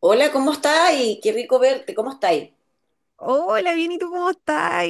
Hola, ¿cómo estás? Y qué rico verte, ¿cómo estáis? Hola, bien, ¿y tú cómo estás?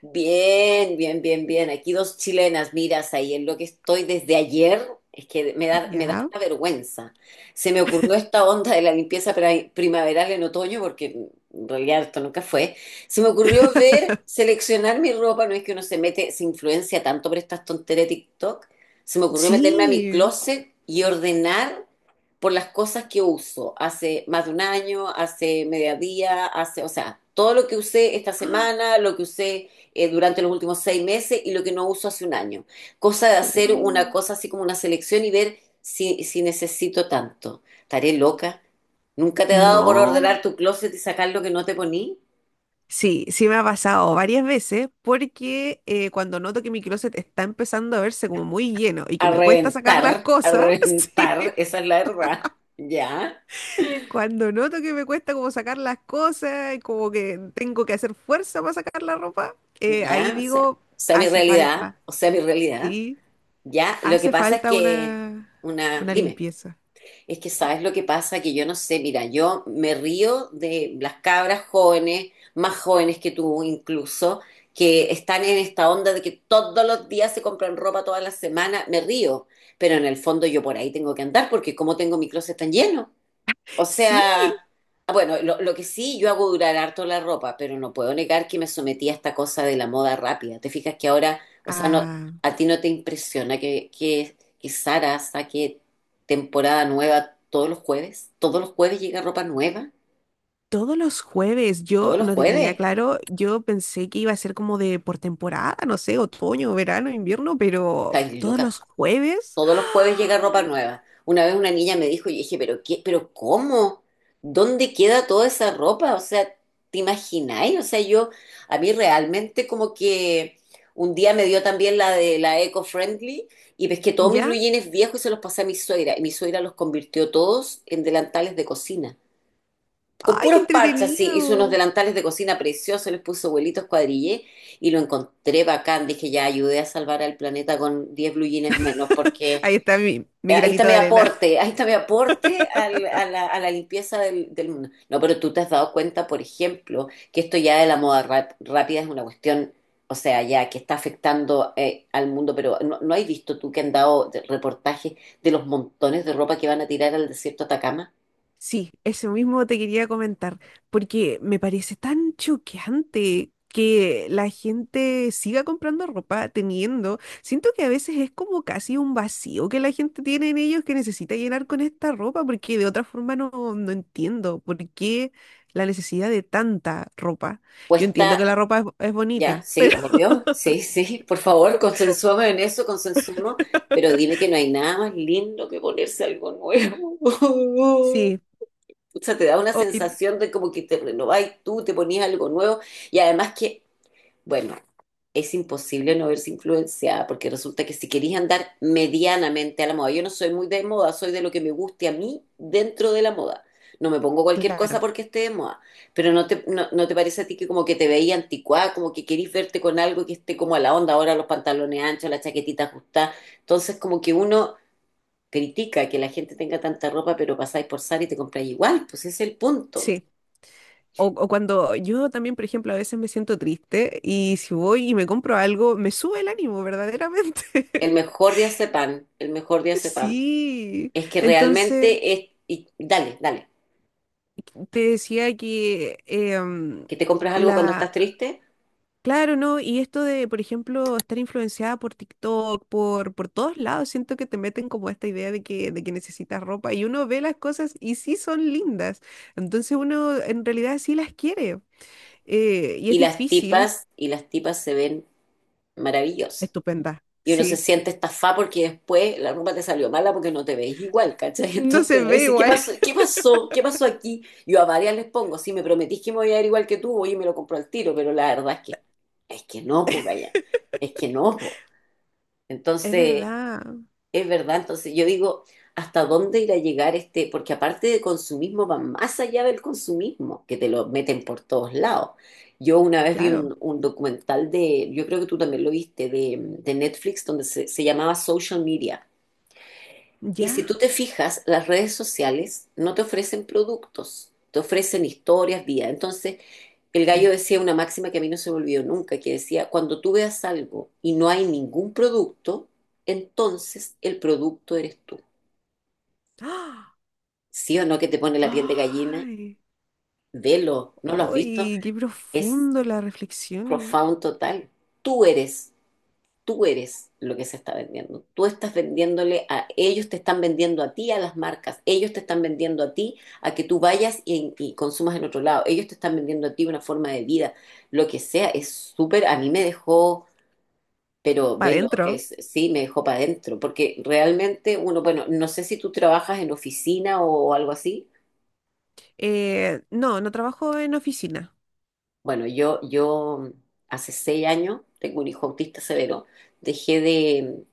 Bien, bien, bien, bien. Aquí dos chilenas, miras ahí en lo que estoy desde ayer, es que me da Ya. hasta vergüenza. Se me ocurrió esta onda de la limpieza primaveral en otoño, porque en realidad esto nunca fue. Se me ocurrió ver, seleccionar mi ropa, no es que uno se mete, se influencia tanto por estas tonterías de TikTok. Se me ocurrió meterme a mi Sí. closet y ordenar por las cosas que uso hace más de un año, hace mediodía, hace, o sea, todo lo que usé esta ¡Ah! semana, lo que usé durante los últimos 6 meses y lo que no uso hace un año. Cosa de hacer una Uy. cosa así como una selección y ver si necesito tanto. Estaré loca. ¿Nunca te ha dado por ordenar No. tu closet y sacar lo que no te poní? Sí, sí me ha pasado varias veces porque cuando noto que mi closet está empezando a verse como muy lleno y que me cuesta sacar las A cosas, sí. reventar, esa es la verdad. Ya, Cuando noto que me cuesta como sacar las cosas y como que tengo que hacer fuerza para sacar la ropa, ahí ya, o digo, sea, mi hace realidad, falta, o sea, mi realidad. sí, Ya, lo que hace pasa es falta que una, una, una dime. limpieza. Es que sabes lo que pasa, que yo no sé, mira, yo me río de las cabras jóvenes, más jóvenes que tú incluso, que están en esta onda de que todos los días se compran ropa todas las semanas me río, pero en el fondo yo por ahí tengo que andar porque como tengo mi closet tan lleno. O Sí, sea, ah, bueno, lo que sí, yo hago durar harto la ropa, pero no puedo negar que me sometí a esta cosa de la moda rápida. ¿Te fijas que ahora, o sea, no, Ah, a ti no te impresiona que Zara saque temporada nueva todos los jueves? ¿Todos los jueves llega ropa nueva? todos los jueves yo ¿Todos los no tenía jueves? claro, yo pensé que iba a ser como de por temporada, no sé, otoño, verano, invierno, pero Ay, todos loca, los jueves. todos los jueves llega ropa ¡Ah! nueva. Una vez una niña me dijo, y dije, pero qué, pero cómo, ¿dónde queda toda esa ropa? O sea, ¿te imagináis? O sea, yo, a mí realmente como que un día me dio también la de la eco-friendly y pesqué todos mis blue ¿Ya? jeans viejos y se los pasé a mi suegra. Y mi suegra los convirtió todos en delantales de cocina. Con ¡Ay, qué puros parches, sí, hizo unos entretenido! delantales de cocina preciosos, les puso vuelitos cuadrillé y lo encontré bacán. Dije, ya ayudé a salvar al planeta con 10 blue jeans menos porque Ahí está mi, eh, mi Ahí está granito mi de arena. aporte, ahí está mi aporte al- a la, a la limpieza del mundo. No, pero tú te has dado cuenta, por ejemplo, que esto ya de la moda rápida es una cuestión, o sea, ya que está afectando al mundo, pero ¿no has visto tú que han dado reportajes de los montones de ropa que van a tirar al desierto de Atacama? Sí, eso mismo te quería comentar, porque me parece tan choqueante que la gente siga comprando ropa teniendo. Siento que a veces es como casi un vacío que la gente tiene en ellos que necesita llenar con esta ropa, porque de otra forma no entiendo por qué la necesidad de tanta ropa. Yo entiendo que Cuesta, la ropa es ya, bonita, sí, pero obvio, sí, sí, por favor, consensuemos en eso, consensuemos, pero dime que no hay nada más lindo que ponerse algo nuevo. sí, O sea, te da una hoy, sensación de como que te renovás tú, te ponías algo nuevo. Y además que, bueno, es imposible no verse influenciada, porque resulta que si querís andar medianamente a la moda, yo no soy muy de moda, soy de lo que me guste a mí dentro de la moda. No me pongo cualquier cosa claro, porque esté de moda. Pero no te parece a ti que como que te veía anticuada, como que querís verte con algo que esté como a la onda, ahora los pantalones anchos, la chaquetita ajustada. Entonces como que uno critica que la gente tenga tanta ropa, pero pasáis por Zara y te compráis igual, pues ese es el punto. sí. O cuando yo también, por ejemplo, a veces me siento triste y si voy y me compro algo, me sube el ánimo, El verdaderamente. mejor de pan el mejor de pan Sí. es que Entonces, realmente es, y dale, dale, te decía que que te compras algo cuando estás la... triste Claro, ¿no? Y esto de, por ejemplo, estar influenciada por TikTok, por todos lados, siento que te meten como esta idea de que necesitas ropa y uno ve las cosas y sí son lindas. Entonces uno en realidad sí las quiere. Y es y las difícil. tipas, y las tipas se ven maravillosas. Estupenda. Y uno se Sí. siente estafado porque después la ropa te salió mala porque no te ves igual, ¿cachai? No se Entonces uno ve dice, ¿qué igual. pasó? ¿Qué pasó? ¿Qué pasó aquí? Yo a varias les pongo, si me prometís que me voy a ver igual que tú, oye, me lo compro al tiro, pero la verdad es que no, pues, vaya, es que no, pues. Es Entonces, verdad, es verdad, entonces yo digo, ¿hasta dónde irá a llegar este? Porque aparte de consumismo, va más allá del consumismo, que te lo meten por todos lados. Yo una vez vi claro. un documental yo creo que tú también lo viste, de Netflix, donde se llamaba Social Media. Y ¿Ya? si tú te fijas, las redes sociales no te ofrecen productos, te ofrecen historias, vida. Entonces, el Mm. gallo decía una máxima que a mí no se me olvidó nunca, que decía, cuando tú veas algo y no hay ningún producto, entonces el producto eres tú. ¡Ah! ¿Sí o no que te pone la piel de gallina? ¡Ay! Velo, ¿no lo has visto? ¡Ay! ¡Qué Es profundo la reflexión! profound total. Tú eres, tú eres lo que se está vendiendo. Tú estás vendiéndole a ellos, te están vendiendo a ti, a las marcas. Ellos te están vendiendo a ti, a que tú vayas y consumas en otro lado. Ellos te están vendiendo a ti una forma de vida, lo que sea. Es súper, a mí me dejó... Pero Para velo, adentro. es, sí, me dejó para adentro, porque realmente uno, bueno, no sé si tú trabajas en oficina o algo así. No, no trabajo en oficina. Bueno, yo hace 6 años, tengo un hijo autista severo, dejé de,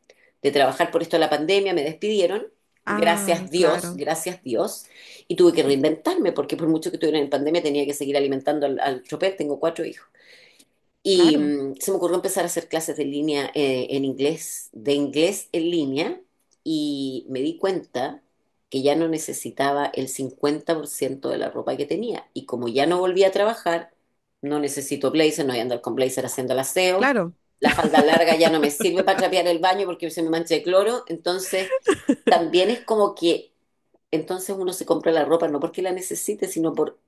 de trabajar por esto de la pandemia, me despidieron, Ah, claro. gracias Dios, y tuve que Sí, reinventarme, porque por mucho que estuviera en pandemia tenía que seguir alimentando al chopper, tengo cuatro hijos. Y claro, se me ocurrió empezar a hacer clases de línea en inglés, de inglés en línea, y me di cuenta que ya no necesitaba el 50% de la ropa que tenía. Y como ya no volví a trabajar, no necesito blazer, no voy a andar con blazer haciendo el aseo. claro. La falda larga ya no me sirve para trapear el baño porque se me mancha de cloro. Entonces, también es como que entonces uno se compra la ropa no porque la necesite, sino por,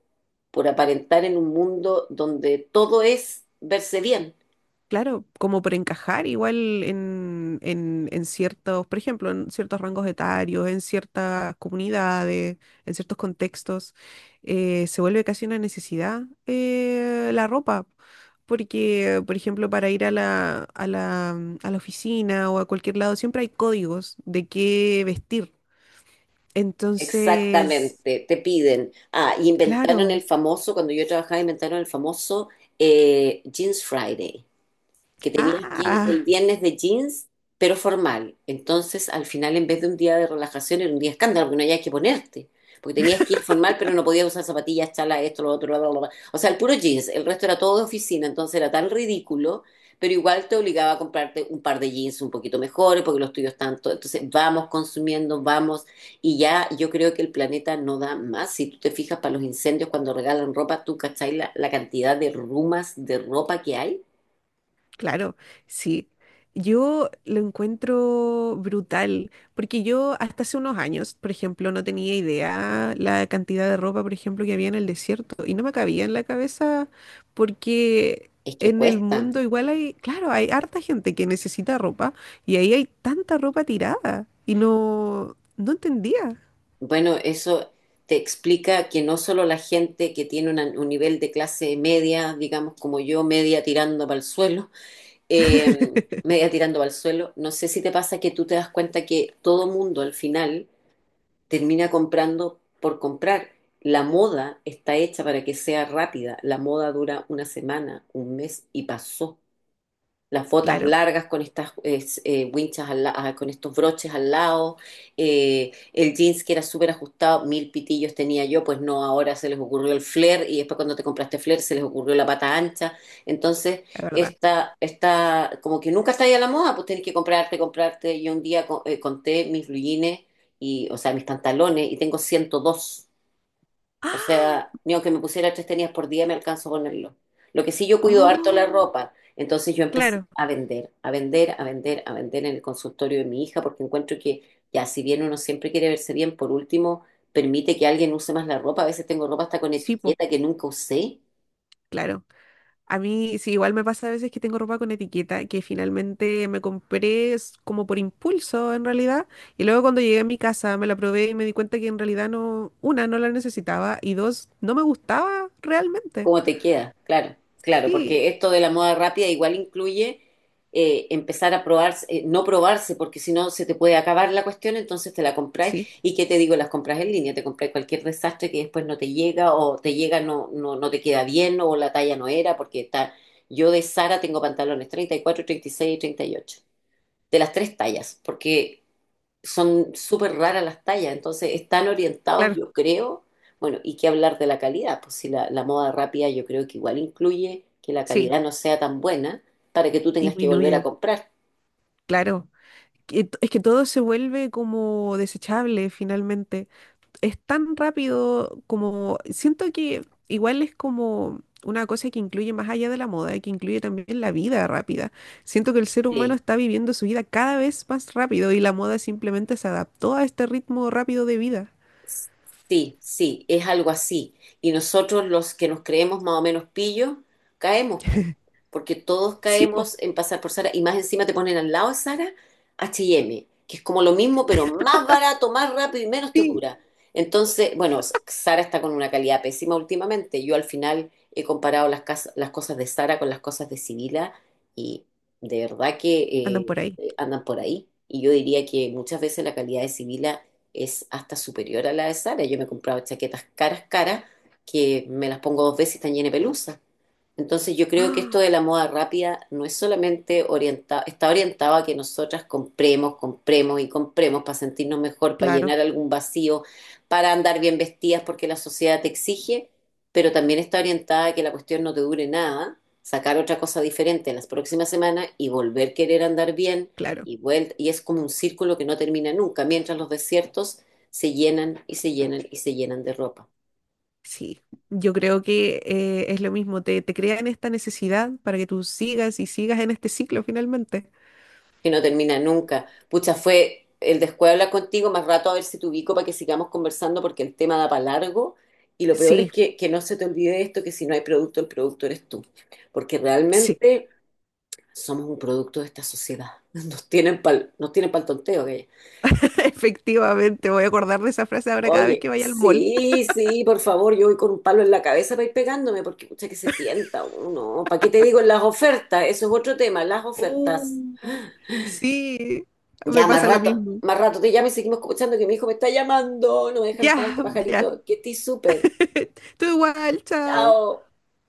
por aparentar en un mundo donde todo es verse bien. Claro, como por encajar igual en ciertos, por ejemplo, en ciertos rangos etarios, en ciertas comunidades, en ciertos contextos, se vuelve casi una necesidad la ropa. Porque, por ejemplo, para ir a mm, a la oficina o a cualquier lado, siempre hay códigos de qué vestir. Entonces, Exactamente, te piden. Ah, y inventaron el claro. famoso, cuando yo trabajaba, inventaron el famoso Jeans Friday que tenías que ir Ah. el viernes de jeans, pero formal. Entonces, al final, en vez de un día de relajación, era un día de escándalo, porque no había que ponerte. Porque tenías que ir formal, pero no podías usar zapatillas, chalas, esto, lo otro, bla, bla, bla. O sea, el puro jeans, el resto era todo de oficina, entonces era tan ridículo, pero igual te obligaba a comprarte un par de jeans un poquito mejores, porque los tuyos tanto. Entonces, vamos consumiendo, vamos, y ya yo creo que el planeta no da más. Si tú te fijas para los incendios, cuando regalan ropa, tú cachai la cantidad de rumas de ropa que hay. Claro, sí. Yo lo encuentro brutal, porque yo hasta hace unos años, por ejemplo, no tenía idea la cantidad de ropa, por ejemplo, que había en el desierto, y no me cabía en la cabeza, porque Es que en el cuestan. mundo igual hay, claro, hay harta gente que necesita ropa, y ahí hay tanta ropa tirada, y no entendía, Bueno, eso te explica que no solo la gente que tiene un nivel de clase media, digamos como yo, media tirando para el suelo, media tirando para el suelo, no sé si te pasa que tú te das cuenta que todo mundo al final termina comprando por comprar. La moda está hecha para que sea rápida. La moda dura una semana, un mes y pasó. Las botas claro, largas con estas winchas con estos broches al lado, el jeans que era súper ajustado, mil pitillos tenía yo, pues no, ahora se les ocurrió el flare y después cuando te compraste flare se les ocurrió la pata ancha, entonces la verdad. esta como que nunca está ahí a la moda, pues tenés que comprarte, comprarte, yo un día conté mis blue jeans y, o sea, mis pantalones y tengo 102, o ¡Ah! sea, ni aunque me pusiera tres tenis por día me alcanzo a ponerlo. Lo que sí yo cuido harto ¡Oh! la ropa. Entonces yo empecé Claro, a vender, a vender, a vender, a vender en el consultorio de mi hija porque encuentro que ya si bien uno siempre quiere verse bien, por último, permite que alguien use más la ropa. A veces tengo ropa hasta con sí, po, etiqueta que nunca usé. claro. A mí sí, igual me pasa a veces que tengo ropa con etiqueta que finalmente me compré es como por impulso en realidad y luego cuando llegué a mi casa me la probé y me di cuenta que en realidad no, una, no la necesitaba y dos, no me gustaba realmente. ¿Cómo te queda? Claro, claro, Sí, porque esto de la moda rápida igual incluye empezar a probarse, no probarse, porque si no se te puede acabar la cuestión, entonces te la compráis. sí, ¿Y qué te digo? Las compras en línea, te compráis cualquier desastre que después no te llega o te llega, no te queda bien o la talla no era, porque está, yo de Sara tengo pantalones 34, 36 y 38, de las tres tallas, porque son súper raras las tallas, entonces están orientados, claro, yo creo, bueno, y qué hablar de la calidad, pues si la moda rápida yo creo que igual incluye que la sí, calidad no sea tan buena para que tú tengas que volver a disminuye, comprar. claro. Que t- Es que todo se vuelve como desechable finalmente. Es tan rápido como siento que igual es como una cosa que incluye más allá de la moda, que incluye también la vida rápida. Siento que el ser humano está viviendo su vida cada vez más rápido y la moda simplemente se adaptó a este ritmo rápido de vida. Sí, sí, es algo así. Y nosotros los que nos creemos más o menos pillos, caemos, po, porque todos Sí, pues, caemos en pasar por Sara y más encima te ponen al lado de Sara H&M, que es como lo mismo, pero más barato, más rápido y menos te sí, dura. Entonces, bueno, Sara está con una calidad pésima últimamente. Yo al final he comparado las cosas de Sara con las cosas de Sibila y de verdad que andan por ahí. Andan por ahí. Y yo diría que muchas veces la calidad de Sibila es hasta superior a la de Sara. Yo me he comprado chaquetas caras, caras, que me las pongo dos veces y están llenas de pelusa. Entonces yo creo que esto Ah, de la moda rápida no es solamente orientado, está orientado a que nosotras compremos, compremos y compremos para sentirnos mejor, para claro, llenar algún vacío, para andar bien vestidas porque la sociedad te exige, pero también está orientada a que la cuestión no te dure nada, sacar otra cosa diferente en las próximas semanas y volver a querer andar bien claro, y vuelta, y es como un círculo que no termina nunca, mientras los desiertos se llenan y se llenan y se llenan de ropa, sí. Yo creo que es lo mismo, te crean esta necesidad para que tú sigas y sigas en este ciclo finalmente. que no termina nunca. Pucha, fue el descuido hablar contigo más rato a ver si te ubico para que sigamos conversando porque el tema da para largo y lo peor es Sí, que no se te olvide esto, que si no hay producto, el producto eres tú, porque sí. realmente somos un producto de esta sociedad. Nos tienen pa'l tonteo, gallo. Efectivamente, voy a acordar de esa frase ahora cada vez Oye, que vaya al mall. sí, sí, por favor, yo voy con un palo en la cabeza para ir pegándome, porque escucha que se tienta uno. ¿Para qué te digo en las ofertas? Eso es otro tema, las ofertas. Uh, Sí, Ya, me pasa lo mismo. más rato te llamo y seguimos escuchando que mi hijo me está llamando. No me deja en Ya, paz este ya. pajarito. Que estoy súper. Tú igual, chao. Chao.